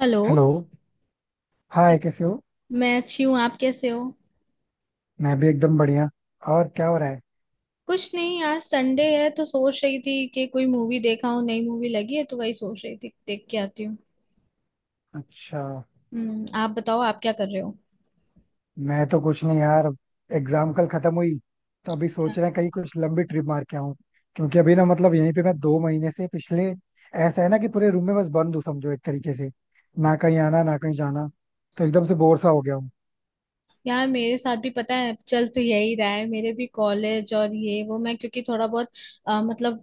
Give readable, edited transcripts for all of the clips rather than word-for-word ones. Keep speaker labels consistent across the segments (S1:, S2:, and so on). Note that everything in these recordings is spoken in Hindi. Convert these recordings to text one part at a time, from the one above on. S1: हेलो।
S2: हेलो. हाय, कैसे हो.
S1: मैं अच्छी हूँ, आप कैसे हो?
S2: मैं भी एकदम बढ़िया. और क्या हो रहा है.
S1: कुछ नहीं, आज संडे है तो सोच रही थी कि कोई मूवी देखा हूँ, नई मूवी लगी है तो वही सोच रही थी, देख के आती हूँ।
S2: अच्छा.
S1: हम्म, आप बताओ, आप क्या कर रहे हो?
S2: मैं तो कुछ नहीं यार. एग्जाम कल खत्म हुई. तो अभी सोच रहे हैं कहीं कुछ लंबी ट्रिप मार के आऊं. क्योंकि अभी ना मतलब यहीं पे मैं 2 महीने से पिछले, ऐसा है ना कि पूरे रूम में बस बंद हूँ समझो एक तरीके से. ना कहीं आना, ना कहीं जाना. तो एकदम से बोर सा हो गया हूँ.
S1: यार मेरे साथ भी पता है चल तो यही रहा है, मेरे भी कॉलेज और ये वो, मैं क्योंकि थोड़ा बहुत मतलब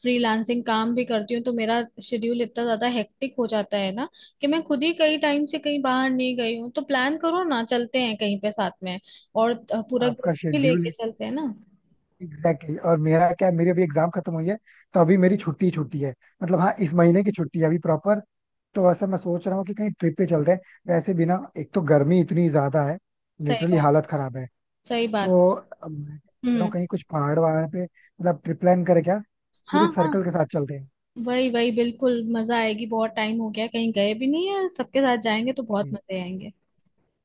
S1: फ्रीलांसिंग काम भी करती हूँ तो मेरा शेड्यूल इतना ज्यादा हेक्टिक हो जाता है ना कि मैं खुद ही कई टाइम से कहीं बाहर नहीं गई हूँ। तो प्लान करो ना, चलते हैं कहीं पे साथ में। और पूरा ग्रुप
S2: आपका
S1: भी लेके
S2: शेड्यूल.
S1: चलते हैं ना।
S2: एग्जैक्टली. और मेरा क्या है, मेरी अभी एग्जाम खत्म हुई है. तो अभी मेरी छुट्टी छुट्टी है. मतलब हाँ, इस महीने की छुट्टी है अभी प्रॉपर. तो वैसे मैं सोच रहा हूँ कि कहीं ट्रिप पे चलते हैं. वैसे भी ना एक तो गर्मी इतनी ज्यादा है.
S1: सही
S2: लिटरली
S1: बात।
S2: हालत खराब है.
S1: सही बात।
S2: तो अब मैं सोच रहा हूँ
S1: हम्म।
S2: कहीं कुछ पहाड़ वहाड़ पे मतलब ट्रिप प्लान करें क्या.
S1: हाँ
S2: पूरे
S1: हाँ।
S2: सर्कल के साथ चलते हैं.
S1: वही वही, बिल्कुल मजा आएगी, बहुत टाइम हो गया कहीं गए भी नहीं है, सबके साथ जाएंगे तो बहुत
S2: ठीक,
S1: मजे आएंगे।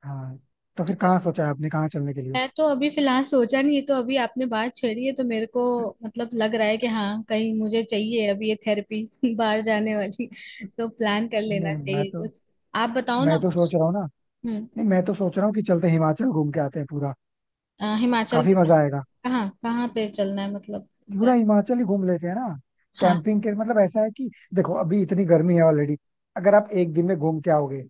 S2: हाँ. तो
S1: तो
S2: फिर कहाँ सोचा है आपने, कहाँ चलने के लिए.
S1: मैं तो अभी फिलहाल सोचा नहीं है, तो अभी आपने बात छेड़ी है तो मेरे को मतलब लग रहा है कि हाँ, कहीं मुझे चाहिए अभी ये थेरेपी बाहर जाने वाली। तो प्लान कर लेना
S2: नहीं, मैं
S1: चाहिए
S2: तो
S1: कुछ। आप बताओ ना
S2: मैं तो
S1: कुछ।
S2: सोच रहा हूँ ना.
S1: हम्म।
S2: नहीं, मैं तो सोच रहा हूँ कि चलते हैं, हिमाचल घूम के आते हैं पूरा.
S1: हिमाचल
S2: काफी
S1: में कहाँ?
S2: मजा आएगा.
S1: कहाँ कहाँ पे चलना है मतलब
S2: पूरा
S1: exact?
S2: हिमाचल ही घूम लेते हैं ना.
S1: हाँ।
S2: कैंपिंग के मतलब ऐसा है कि देखो, अभी इतनी गर्मी है ऑलरेडी. अगर आप एक दिन में घूम के आओगे,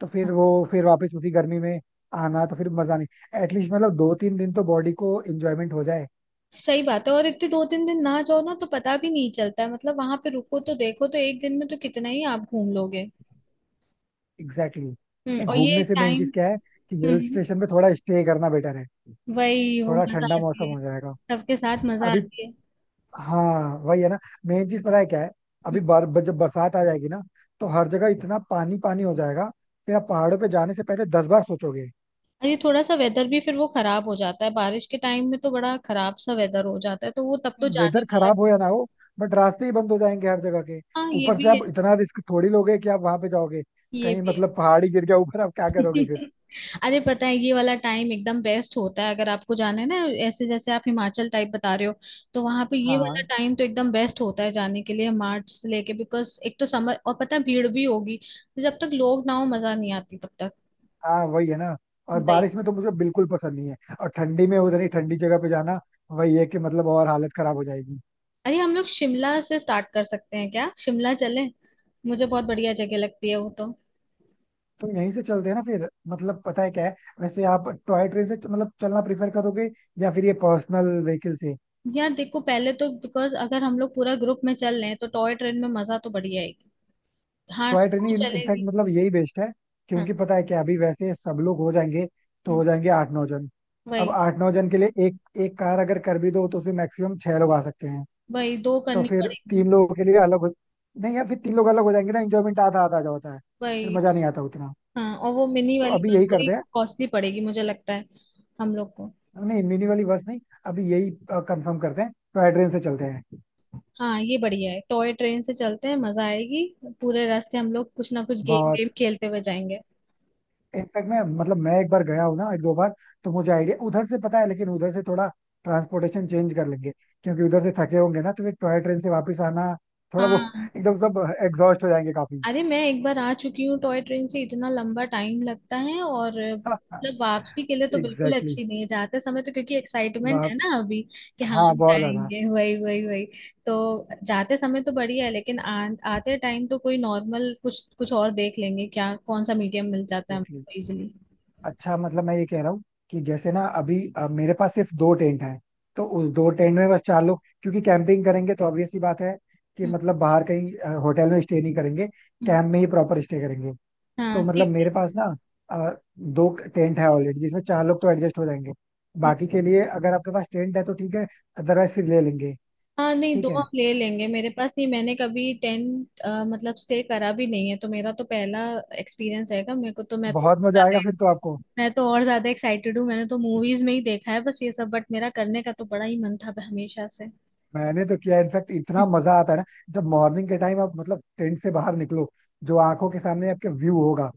S2: तो फिर वो, फिर वापस उसी गर्मी में आना, तो फिर मजा नहीं. एटलीस्ट मतलब दो तीन दिन तो बॉडी को एंजॉयमेंट हो जाए.
S1: सही बात है, और इतने दो तीन दिन ना जाओ ना तो पता भी नहीं चलता है, मतलब वहां पे रुको तो देखो तो एक दिन में तो कितना ही आप घूम लोगे।
S2: Exactly exactly.
S1: हम्म,
S2: नहीं,
S1: और ये
S2: घूमने से मेन
S1: टाइम।
S2: चीज क्या है, कि हिल
S1: हम्म।
S2: स्टेशन पे थोड़ा स्टे करना बेटर है.
S1: वही वो
S2: थोड़ा
S1: मजा
S2: ठंडा मौसम
S1: आती है।
S2: हो जाएगा.
S1: सबके साथ मजा
S2: अभी.
S1: आती है।
S2: हाँ, वही है ना. मेन चीज पता है क्या है,
S1: हम्म।
S2: अभी बर, बर, जब बरसात आ जाएगी ना, तो हर जगह इतना पानी पानी हो जाएगा. फिर आप पहाड़ों पे जाने से पहले 10 बार सोचोगे.
S1: अरे थोड़ा सा वेदर भी फिर वो खराब हो जाता है बारिश के टाइम में, तो बड़ा खराब सा वेदर हो जाता है तो वो तब तो जाने
S2: वेदर
S1: वाला।
S2: खराब हो या ना हो, बट रास्ते ही बंद हो जाएंगे हर जगह के.
S1: हाँ ये
S2: ऊपर से
S1: भी है।
S2: आप इतना रिस्क थोड़ी लोगे कि आप वहां पे जाओगे.
S1: ये
S2: कहीं
S1: भी
S2: मतलब पहाड़ी गिर गया ऊपर, आप क्या
S1: है।
S2: करोगे फिर.
S1: अरे पता है ये वाला टाइम एकदम बेस्ट होता है अगर आपको जाना है ना। ऐसे जैसे आप हिमाचल टाइप बता रहे हो, तो वहां पे
S2: हाँ,
S1: ये वाला
S2: हाँ.
S1: टाइम तो एकदम बेस्ट होता है जाने के लिए, मार्च से लेके, बिकॉज एक तो समर, और पता है भीड़ भी होगी। तो जब तक लोग ना हो मजा नहीं आती तब तक।
S2: हाँ, वही है ना. और
S1: भाई।
S2: बारिश में तो मुझे बिल्कुल पसंद नहीं है, और ठंडी में उधर ही ठंडी जगह पे जाना, वही है कि मतलब और हालत खराब हो जाएगी.
S1: अरे हम लोग शिमला से स्टार्ट कर सकते हैं क्या, शिमला चलें? मुझे बहुत बढ़िया जगह लगती है वो तो।
S2: तो यहीं से चलते हैं ना फिर, मतलब पता है क्या है, वैसे आप टॉय ट्रेन से मतलब चलना प्रेफर करोगे, या फिर ये पर्सनल व्हीकल से.
S1: यार देखो पहले तो बिकॉज अगर हम लोग पूरा ग्रुप में चल रहे हैं तो टॉय ट्रेन में मजा तो बढ़िया आएगी। हाँ
S2: टॉय ट्रेन,
S1: स्लो
S2: इनफैक्ट
S1: चलेगी।
S2: मतलब यही बेस्ट है.
S1: हाँ।
S2: क्योंकि पता है क्या, अभी वैसे सब लोग हो जाएंगे. तो
S1: हम्म।
S2: हो जाएंगे आठ नौ जन. अब
S1: वही।
S2: आठ नौ जन के लिए एक, एक कार अगर कर भी दो, तो उसमें मैक्सिमम छह लोग आ सकते हैं.
S1: दो
S2: तो
S1: करनी
S2: फिर
S1: पड़ेगी।
S2: तीन लोगों के लिए अलग हो. नहीं यार, फिर तीन लोग अलग हो जाएंगे ना, इंजॉयमेंट आधा आधा जा होता है. फिर
S1: वही।
S2: मजा नहीं आता उतना.
S1: हाँ, और वो मिनी
S2: तो
S1: वाली
S2: अभी
S1: बस
S2: यही
S1: थोड़ी
S2: करते हैं.
S1: कॉस्टली पड़ेगी मुझे लगता है, हम लोग को।
S2: नहीं, मिनी वाली बस नहीं. अभी यही कंफर्म करते हैं, टॉय ट्रेन से चलते हैं.
S1: हाँ ये बढ़िया है, टॉय ट्रेन से चलते हैं, मजा आएगी। पूरे रास्ते हम लोग कुछ ना कुछ गेम वेम
S2: बहुत.
S1: खेलते हुए जाएंगे।
S2: इनफैक्ट मैं मतलब मैं एक बार गया हूँ ना, एक दो बार. तो मुझे आइडिया उधर से पता है, लेकिन उधर से थोड़ा ट्रांसपोर्टेशन चेंज कर लेंगे. क्योंकि उधर से थके होंगे ना, तो फिर टॉय ट्रेन से वापस आना, थोड़ा वो
S1: हाँ।
S2: एकदम सब एग्जॉस्ट हो जाएंगे काफी.
S1: अरे मैं एक बार आ चुकी हूँ टॉय ट्रेन से, इतना लंबा टाइम लगता है। और मतलब वापसी के लिए तो बिल्कुल
S2: एग्जैक्टली.
S1: अच्छी नहीं है, जाते समय तो क्योंकि एक्साइटमेंट
S2: वहाँ.
S1: है ना अभी कि हाँ
S2: हाँ,
S1: हम
S2: बहुत ज्यादा.
S1: जाएंगे, वही वही वही। तो जाते समय तो बढ़िया है, लेकिन आते टाइम तो कोई नॉर्मल कुछ कुछ और देख लेंगे, क्या कौन सा मीडियम मिल जाता है
S2: एग्जैक्टली.
S1: हमको इजिली।
S2: अच्छा मतलब मैं ये कह रहा हूँ कि जैसे ना अभी मेरे पास सिर्फ दो टेंट है. तो उस दो टेंट में बस चार लोग, क्योंकि कैंपिंग करेंगे तो ऑब्वियस सी बात है, कि
S1: हम्म।
S2: मतलब बाहर कहीं होटल में स्टे नहीं करेंगे.
S1: हम्म।
S2: कैंप में ही प्रॉपर स्टे करेंगे.
S1: हाँ
S2: तो मतलब
S1: ठीक है।
S2: मेरे पास ना दो टेंट है ऑलरेडी, जिसमें चार लोग तो एडजस्ट हो जाएंगे.
S1: हम्म।
S2: बाकी के लिए अगर आपके पास टेंट है तो ठीक है, अदरवाइज फिर ले लेंगे.
S1: हाँ नहीं, दो
S2: ठीक है.
S1: हम ले लेंगे, मेरे पास नहीं। मैंने कभी टेंट मतलब स्टे करा भी नहीं है, तो मेरा तो पहला एक्सपीरियंस रहेगा। मेरे को तो मैं तो,
S2: बहुत मजा आएगा फिर तो आपको.
S1: मैं तो और ज्यादा एक्साइटेड हूँ, मैंने तो मूवीज में ही देखा है बस ये सब, बट मेरा करने का तो बड़ा ही मन था हमेशा से।
S2: मैंने तो किया, इनफैक्ट इतना मजा आता है ना. जब मॉर्निंग के टाइम आप मतलब टेंट से बाहर निकलो, जो आंखों के सामने आपके व्यू होगा,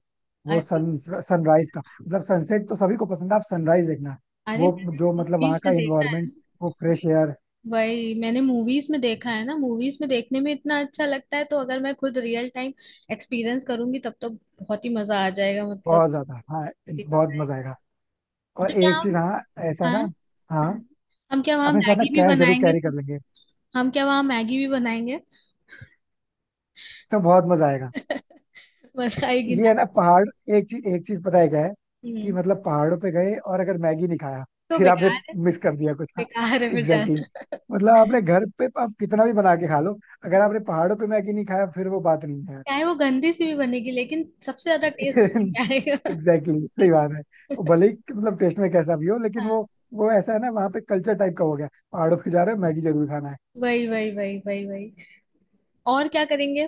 S2: वो
S1: अरे।
S2: सन सनराइज का मतलब सनसेट तो सभी को पसंद है, आप सनराइज देखना.
S1: अरे।
S2: वो,
S1: मैंने
S2: जो मतलब वहाँ
S1: मूवीज
S2: का
S1: में देखा है
S2: इन्वायरमेंट,
S1: ना।
S2: वो फ्रेश एयर.
S1: वही मैंने मूवीज में देखा है ना, मूवीज में देखने में इतना अच्छा लगता है तो अगर मैं खुद रियल टाइम एक्सपीरियंस करूंगी तब तो बहुत ही मजा आ जाएगा मतलब।
S2: बहुत
S1: बहुत
S2: ज्यादा. हाँ,
S1: ही
S2: बहुत
S1: मजा
S2: मजा आएगा.
S1: आएगा।
S2: और
S1: तो क्या
S2: एक चीज,
S1: हम,
S2: हाँ, ऐसा
S1: हाँ,
S2: ना, हाँ,
S1: हाँ, हम क्या वहाँ
S2: अपने साथ ना
S1: मैगी भी
S2: कैश जरूर
S1: बनाएंगे
S2: कैरी कर
S1: खुद?
S2: लेंगे,
S1: हम क्या वहाँ मैगी भी बनाएंगे?
S2: तो बहुत मजा आएगा.
S1: मजा आएगी
S2: ये है
S1: ना।
S2: ना पहाड़, एक चीज पता है क्या है, कि
S1: हम्म।
S2: मतलब पहाड़ों पे गए और अगर मैगी नहीं खाया,
S1: तो
S2: फिर आपने
S1: बेकार है।
S2: मिस कर दिया कुछ ना.
S1: बेकार है फिर
S2: एग्जैक्टली exactly.
S1: जाना।
S2: मतलब आपने घर पे आप कितना भी बना के खा लो, अगर आपने पहाड़ों पे मैगी नहीं खाया, फिर वो बात नहीं है.
S1: चाहे वो गंदी सी भी बनेगी लेकिन सबसे ज्यादा टेस्ट उसकी में आएगा।
S2: एग्जैक्टली exactly, सही बात है. वो भले ही मतलब टेस्ट में कैसा भी हो, लेकिन
S1: हाँ।
S2: वो ऐसा है ना वहाँ पे, कल्चर टाइप का हो गया, पहाड़ों पे जा रहे हो मैगी जरूर खाना है.
S1: वही वही वही वही वही। और क्या करेंगे?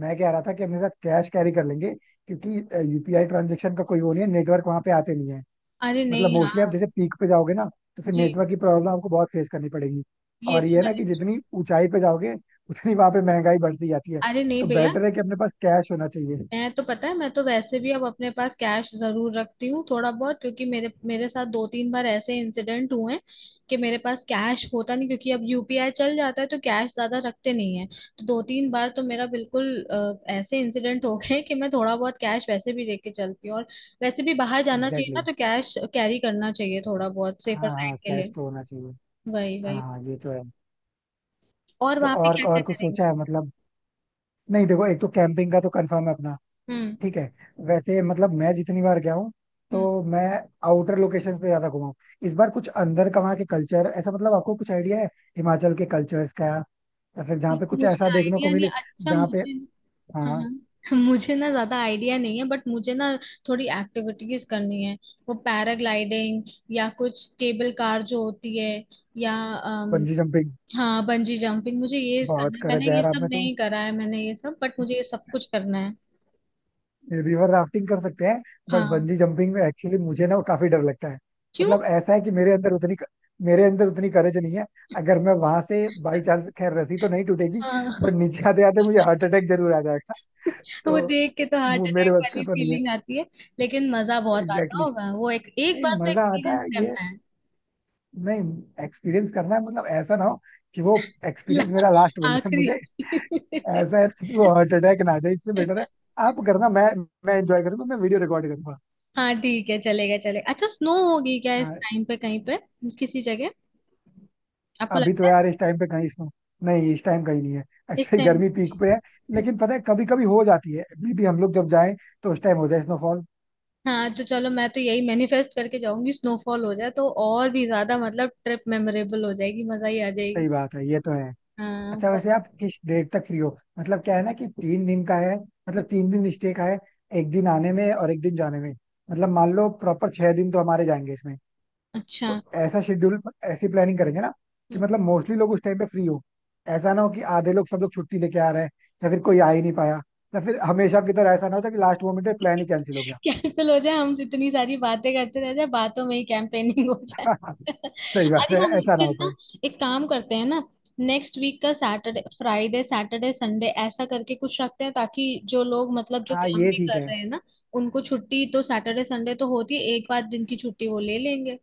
S2: मैं कह रहा था कि अपने साथ कैश कैरी कर लेंगे, क्योंकि यूपीआई ट्रांजेक्शन का कोई वो नहीं है, नेटवर्क वहां पे आते नहीं है.
S1: अरे
S2: मतलब
S1: नहीं।
S2: मोस्टली आप
S1: हाँ
S2: जैसे पीक पे जाओगे ना, तो फिर
S1: जी,
S2: नेटवर्क की प्रॉब्लम आपको बहुत फेस करनी पड़ेगी.
S1: ये
S2: और ये
S1: तो
S2: है ना
S1: मैंने।
S2: कि जितनी ऊंचाई पे जाओगे, उतनी वहां पे महंगाई बढ़ती जाती है.
S1: अरे नहीं
S2: तो
S1: भैया,
S2: बेटर है कि अपने पास कैश होना चाहिए.
S1: मैं तो, पता है, मैं तो वैसे भी अब अपने पास कैश जरूर रखती हूँ थोड़ा बहुत, क्योंकि मेरे मेरे साथ दो तीन बार ऐसे इंसिडेंट हुए हैं कि मेरे पास कैश होता नहीं, क्योंकि अब यूपीआई चल जाता है तो कैश ज्यादा रखते नहीं है, तो दो तीन बार तो मेरा बिल्कुल ऐसे इंसिडेंट हो गए कि मैं थोड़ा बहुत कैश वैसे भी लेके चलती हूँ, और वैसे भी बाहर जाना चाहिए
S2: एग्जैक्टली
S1: ना
S2: exactly.
S1: तो कैश कैरी करना चाहिए थोड़ा बहुत सेफर
S2: हाँ हाँ,
S1: साइड के
S2: कैश
S1: लिए।
S2: तो होना चाहिए.
S1: वही
S2: हाँ
S1: वही।
S2: हाँ, ये तो है.
S1: और
S2: तो
S1: वहां पे
S2: और
S1: क्या क्या
S2: और कुछ
S1: करेंगे?
S2: सोचा है मतलब. नहीं देखो, एक तो कैंपिंग का तो कंफर्म है अपना.
S1: हम्म।
S2: ठीक है. वैसे मतलब मैं जितनी बार गया हूँ,
S1: हम्म।
S2: तो मैं आउटर लोकेशंस पे ज्यादा घुमा हूँ. इस बार कुछ अंदर का वहाँ के कल्चर ऐसा, मतलब आपको कुछ आइडिया है, हिमाचल के कल्चर्स का. या फिर जहाँ पे कुछ
S1: मुझे
S2: ऐसा देखने
S1: आइडिया
S2: को
S1: नहीं,
S2: मिले,
S1: अच्छा
S2: जहाँ पे.
S1: मुझे, हाँ
S2: हाँ.
S1: हाँ। मुझे ना ज्यादा आइडिया नहीं है, बट मुझे ना थोड़ी एक्टिविटीज करनी है, वो पैराग्लाइडिंग, या कुछ केबल कार जो होती है, या
S2: बंजी जंपिंग.
S1: हाँ बंजी जंपिंग, मुझे ये
S2: बहुत
S1: करना है,
S2: करे
S1: मैंने
S2: जा
S1: ये
S2: रहा
S1: सब
S2: आपने तो.
S1: नहीं करा है, मैंने ये सब, बट मुझे ये सब कुछ करना है।
S2: रिवर राफ्टिंग कर सकते हैं. बट
S1: हाँ।
S2: बंजी जंपिंग में एक्चुअली मुझे ना काफी डर लगता है.
S1: क्यों?
S2: मतलब ऐसा है कि मेरे अंदर उतनी करेज नहीं है. अगर मैं वहां से बाई चांस खैर, रस्सी तो नहीं टूटेगी,
S1: हाँ।
S2: बट नीचे आते आते मुझे हार्ट अटैक जरूर आ जाएगा. तो
S1: वो देख के तो हार्ट
S2: वो मेरे
S1: अटैक
S2: बस का
S1: वाली
S2: तो नहीं है.
S1: फीलिंग आती है। लेकिन मजा बहुत आता
S2: एग्जैक्टली
S1: होगा वो, एक
S2: exactly.
S1: एक
S2: नहीं
S1: बार तो
S2: मजा आता
S1: एक्सपीरियंस
S2: है ये,
S1: करना है।
S2: नहीं एक्सपीरियंस करना है, मतलब ऐसा ना हो कि वो एक्सपीरियंस मेरा लास्ट बन जाए मुझे.
S1: आखिरी।
S2: ऐसा है कि वो हार्ट अटैक ना आ जाए, इससे बेटर है आप करना, मैं एंजॉय करूंगा, मैं वीडियो रिकॉर्ड करूंगा.
S1: हाँ ठीक है, चलेगा चलेगा। अच्छा स्नो होगी क्या इस
S2: हाँ,
S1: टाइम पे कहीं पे, किसी जगह, आपको
S2: अभी तो
S1: लगता है?
S2: यार इस टाइम पे कहीं नहीं, इस टाइम कहीं नहीं है.
S1: इस
S2: एक्चुअली
S1: टाइम।
S2: गर्मी पीक पे है. लेकिन पता है कभी कभी हो जाती है, मे बी हम लोग जब जाएं, तो उस टाइम हो जाए स्नोफॉल.
S1: हाँ तो चलो मैं तो यही मैनिफेस्ट करके जाऊंगी स्नोफॉल हो जाए तो और भी ज्यादा मतलब ट्रिप मेमोरेबल हो जाएगी, मजा ही आ जाएगी।
S2: सही बात है, ये तो है.
S1: हाँ
S2: अच्छा
S1: बहुत।
S2: वैसे आप किस डेट तक फ्री हो. मतलब क्या है ना कि 3 दिन का है, मतलब 3 दिन स्टे का है, एक दिन आने में और एक दिन जाने में. मतलब मान लो प्रॉपर 6 दिन तो हमारे जाएंगे इसमें.
S1: अच्छा।
S2: तो ऐसा शेड्यूल, ऐसी प्लानिंग करेंगे ना, कि मतलब मोस्टली लोग उस टाइम पे फ्री हो. ऐसा ना हो कि आधे लोग, सब लोग छुट्टी लेके आ रहे हैं, या फिर कोई आ ही नहीं पाया, या फिर हमेशा की तरह ऐसा ना होता कि लास्ट मोमेंट पे प्लान ही कैंसिल हो गया.
S1: कैंसिल हो जाए, हम इतनी सारी बातें करते रह जाए, बातों में ही कैंपेनिंग हो जाए।
S2: सही बात
S1: अरे
S2: है,
S1: हम
S2: ऐसा ना
S1: फिर
S2: हो पाए.
S1: ना एक काम करते हैं ना, नेक्स्ट वीक का सैटरडे, फ्राइडे सैटरडे संडे ऐसा करके कुछ रखते हैं ताकि जो लोग मतलब जो
S2: हाँ,
S1: काम
S2: ये
S1: भी
S2: ठीक
S1: कर
S2: है.
S1: रहे हैं ना, उनको छुट्टी तो सैटरडे संडे तो होती है, एक आध दिन की छुट्टी वो ले लेंगे।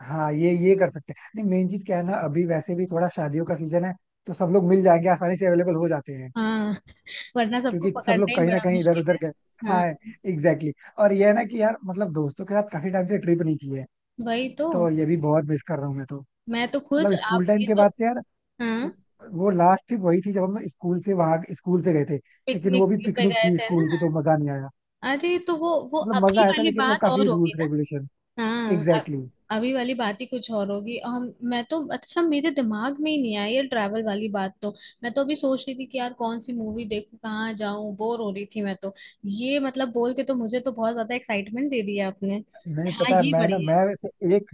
S2: हाँ ये कर सकते हैं, नहीं मेन चीज क्या है ना, अभी वैसे भी थोड़ा शादियों का सीजन है, तो सब लोग मिल जाएंगे, आसानी से अवेलेबल हो जाते हैं.
S1: हाँ। वरना सबको
S2: क्योंकि सब
S1: पकड़ना
S2: लोग
S1: ही
S2: कहीं ना
S1: बड़ा
S2: कहीं इधर
S1: मुश्किल
S2: उधर
S1: है।
S2: गए. हाँ
S1: हाँ
S2: एग्जैक्टली exactly. और ये है ना कि यार मतलब दोस्तों के साथ काफी टाइम से ट्रिप नहीं की है.
S1: वही तो।
S2: तो ये भी बहुत मिस कर रहा हूँ मैं तो.
S1: मैं तो खुद,
S2: मतलब स्कूल
S1: आप
S2: टाइम
S1: ये
S2: के
S1: तो,
S2: बाद से यार,
S1: हाँ
S2: वो लास्ट ट्रिप वही थी जब हम स्कूल से, वहां स्कूल से गए थे. लेकिन वो
S1: पिकनिक
S2: भी
S1: पे
S2: पिकनिक
S1: गए
S2: थी
S1: थे ना।
S2: स्कूल की, तो मजा नहीं आया.
S1: अरे तो वो
S2: मतलब
S1: अभी
S2: मजा आया था,
S1: वाली
S2: लेकिन वो
S1: बात
S2: काफी
S1: और होगी
S2: रूल्स
S1: ना।
S2: रेगुलेशन.
S1: हाँ
S2: एग्जैक्टली.
S1: अभी वाली बात ही कुछ और होगी। और हम, मैं तो, अच्छा मेरे दिमाग में ही नहीं आई ये ट्रैवल वाली बात तो, मैं तो अभी सोच रही थी कि यार कौन सी मूवी देखूं, कहाँ जाऊं, बोर हो रही थी मैं तो। ये मतलब बोल के तो मुझे तो बहुत ज्यादा एक्साइटमेंट दे दिया आपने।
S2: नहीं,
S1: हाँ
S2: पता है
S1: ये
S2: मैं ना, मैं
S1: बढ़िया।
S2: वैसे एक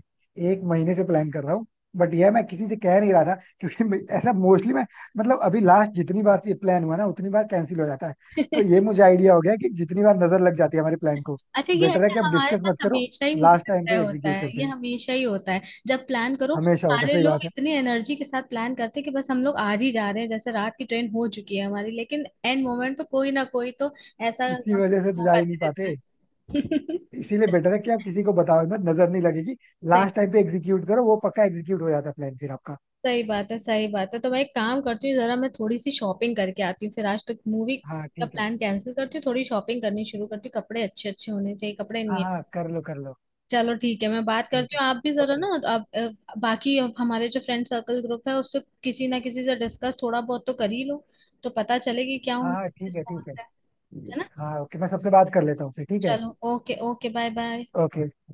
S2: एक महीने से प्लान कर रहा हूँ, बट यह मैं किसी से कह नहीं रहा था. क्योंकि ऐसा मोस्टली मैं मतलब, अभी लास्ट जितनी बार से प्लान हुआ ना, उतनी बार कैंसिल हो जाता है. तो ये मुझे आइडिया हो गया कि जितनी बार नजर लग जाती है हमारे प्लान को,
S1: अच्छा ये,
S2: बेटर है
S1: अच्छा
S2: कि आप
S1: हमारे
S2: डिस्कस मत
S1: साथ
S2: करो,
S1: हमेशा ही, मुझे
S2: लास्ट टाइम
S1: लगता है
S2: पे
S1: होता
S2: एग्जीक्यूट
S1: है
S2: करते
S1: ये
S2: हैं.
S1: हमेशा ही होता है। जब प्लान करो
S2: हमेशा होता है,
S1: सारे
S2: सही
S1: लोग
S2: बात है.
S1: इतनी एनर्जी के साथ प्लान करते हैं कि बस हम लोग आज ही जा रहे हैं, जैसे रात की ट्रेन हो चुकी है हमारी, लेकिन एंड मोमेंट तो कोई ना कोई तो ऐसा
S2: इसी
S1: हम-
S2: वजह से तो जा
S1: मौका
S2: ही
S1: दे
S2: नहीं
S1: देता
S2: पाते.
S1: है।
S2: इसीलिए बेटर है कि आप किसी को बताओ मत, नजर नहीं लगेगी.
S1: सही।
S2: लास्ट टाइम पे एग्जीक्यूट करो, वो पक्का एग्जीक्यूट हो जाता है प्लान फिर आपका.
S1: सही बात है, सही बात है। तो मैं एक काम करती हूँ, जरा मैं थोड़ी सी शॉपिंग करके आती हूँ, फिर आज तक मूवी
S2: हाँ
S1: का
S2: ठीक है.
S1: प्लान कैंसिल करती हूँ, थोड़ी शॉपिंग करनी शुरू करती हूँ, कपड़े अच्छे अच्छे होने चाहिए, कपड़े
S2: हाँ
S1: नहीं है।
S2: हाँ, कर लो कर लो.
S1: चलो ठीक है, मैं बात
S2: ठीक
S1: करती
S2: है.
S1: हूँ, आप भी जरा ना,
S2: ओके.
S1: आप बाकी अब हमारे जो फ्रेंड सर्कल ग्रुप है उससे किसी ना किसी से डिस्कस थोड़ा बहुत तो कर ही लो, तो पता चले कि क्या
S2: हाँ हाँ
S1: उनका
S2: ठीक है
S1: रिस्पॉन्स
S2: ठीक है.
S1: है
S2: ठीक
S1: है
S2: है.
S1: ना।
S2: हाँ ओके, मैं सबसे बात कर लेता हूँ फिर, ठीक है.
S1: चलो okay, okay, bye bye.
S2: Okay. Bye.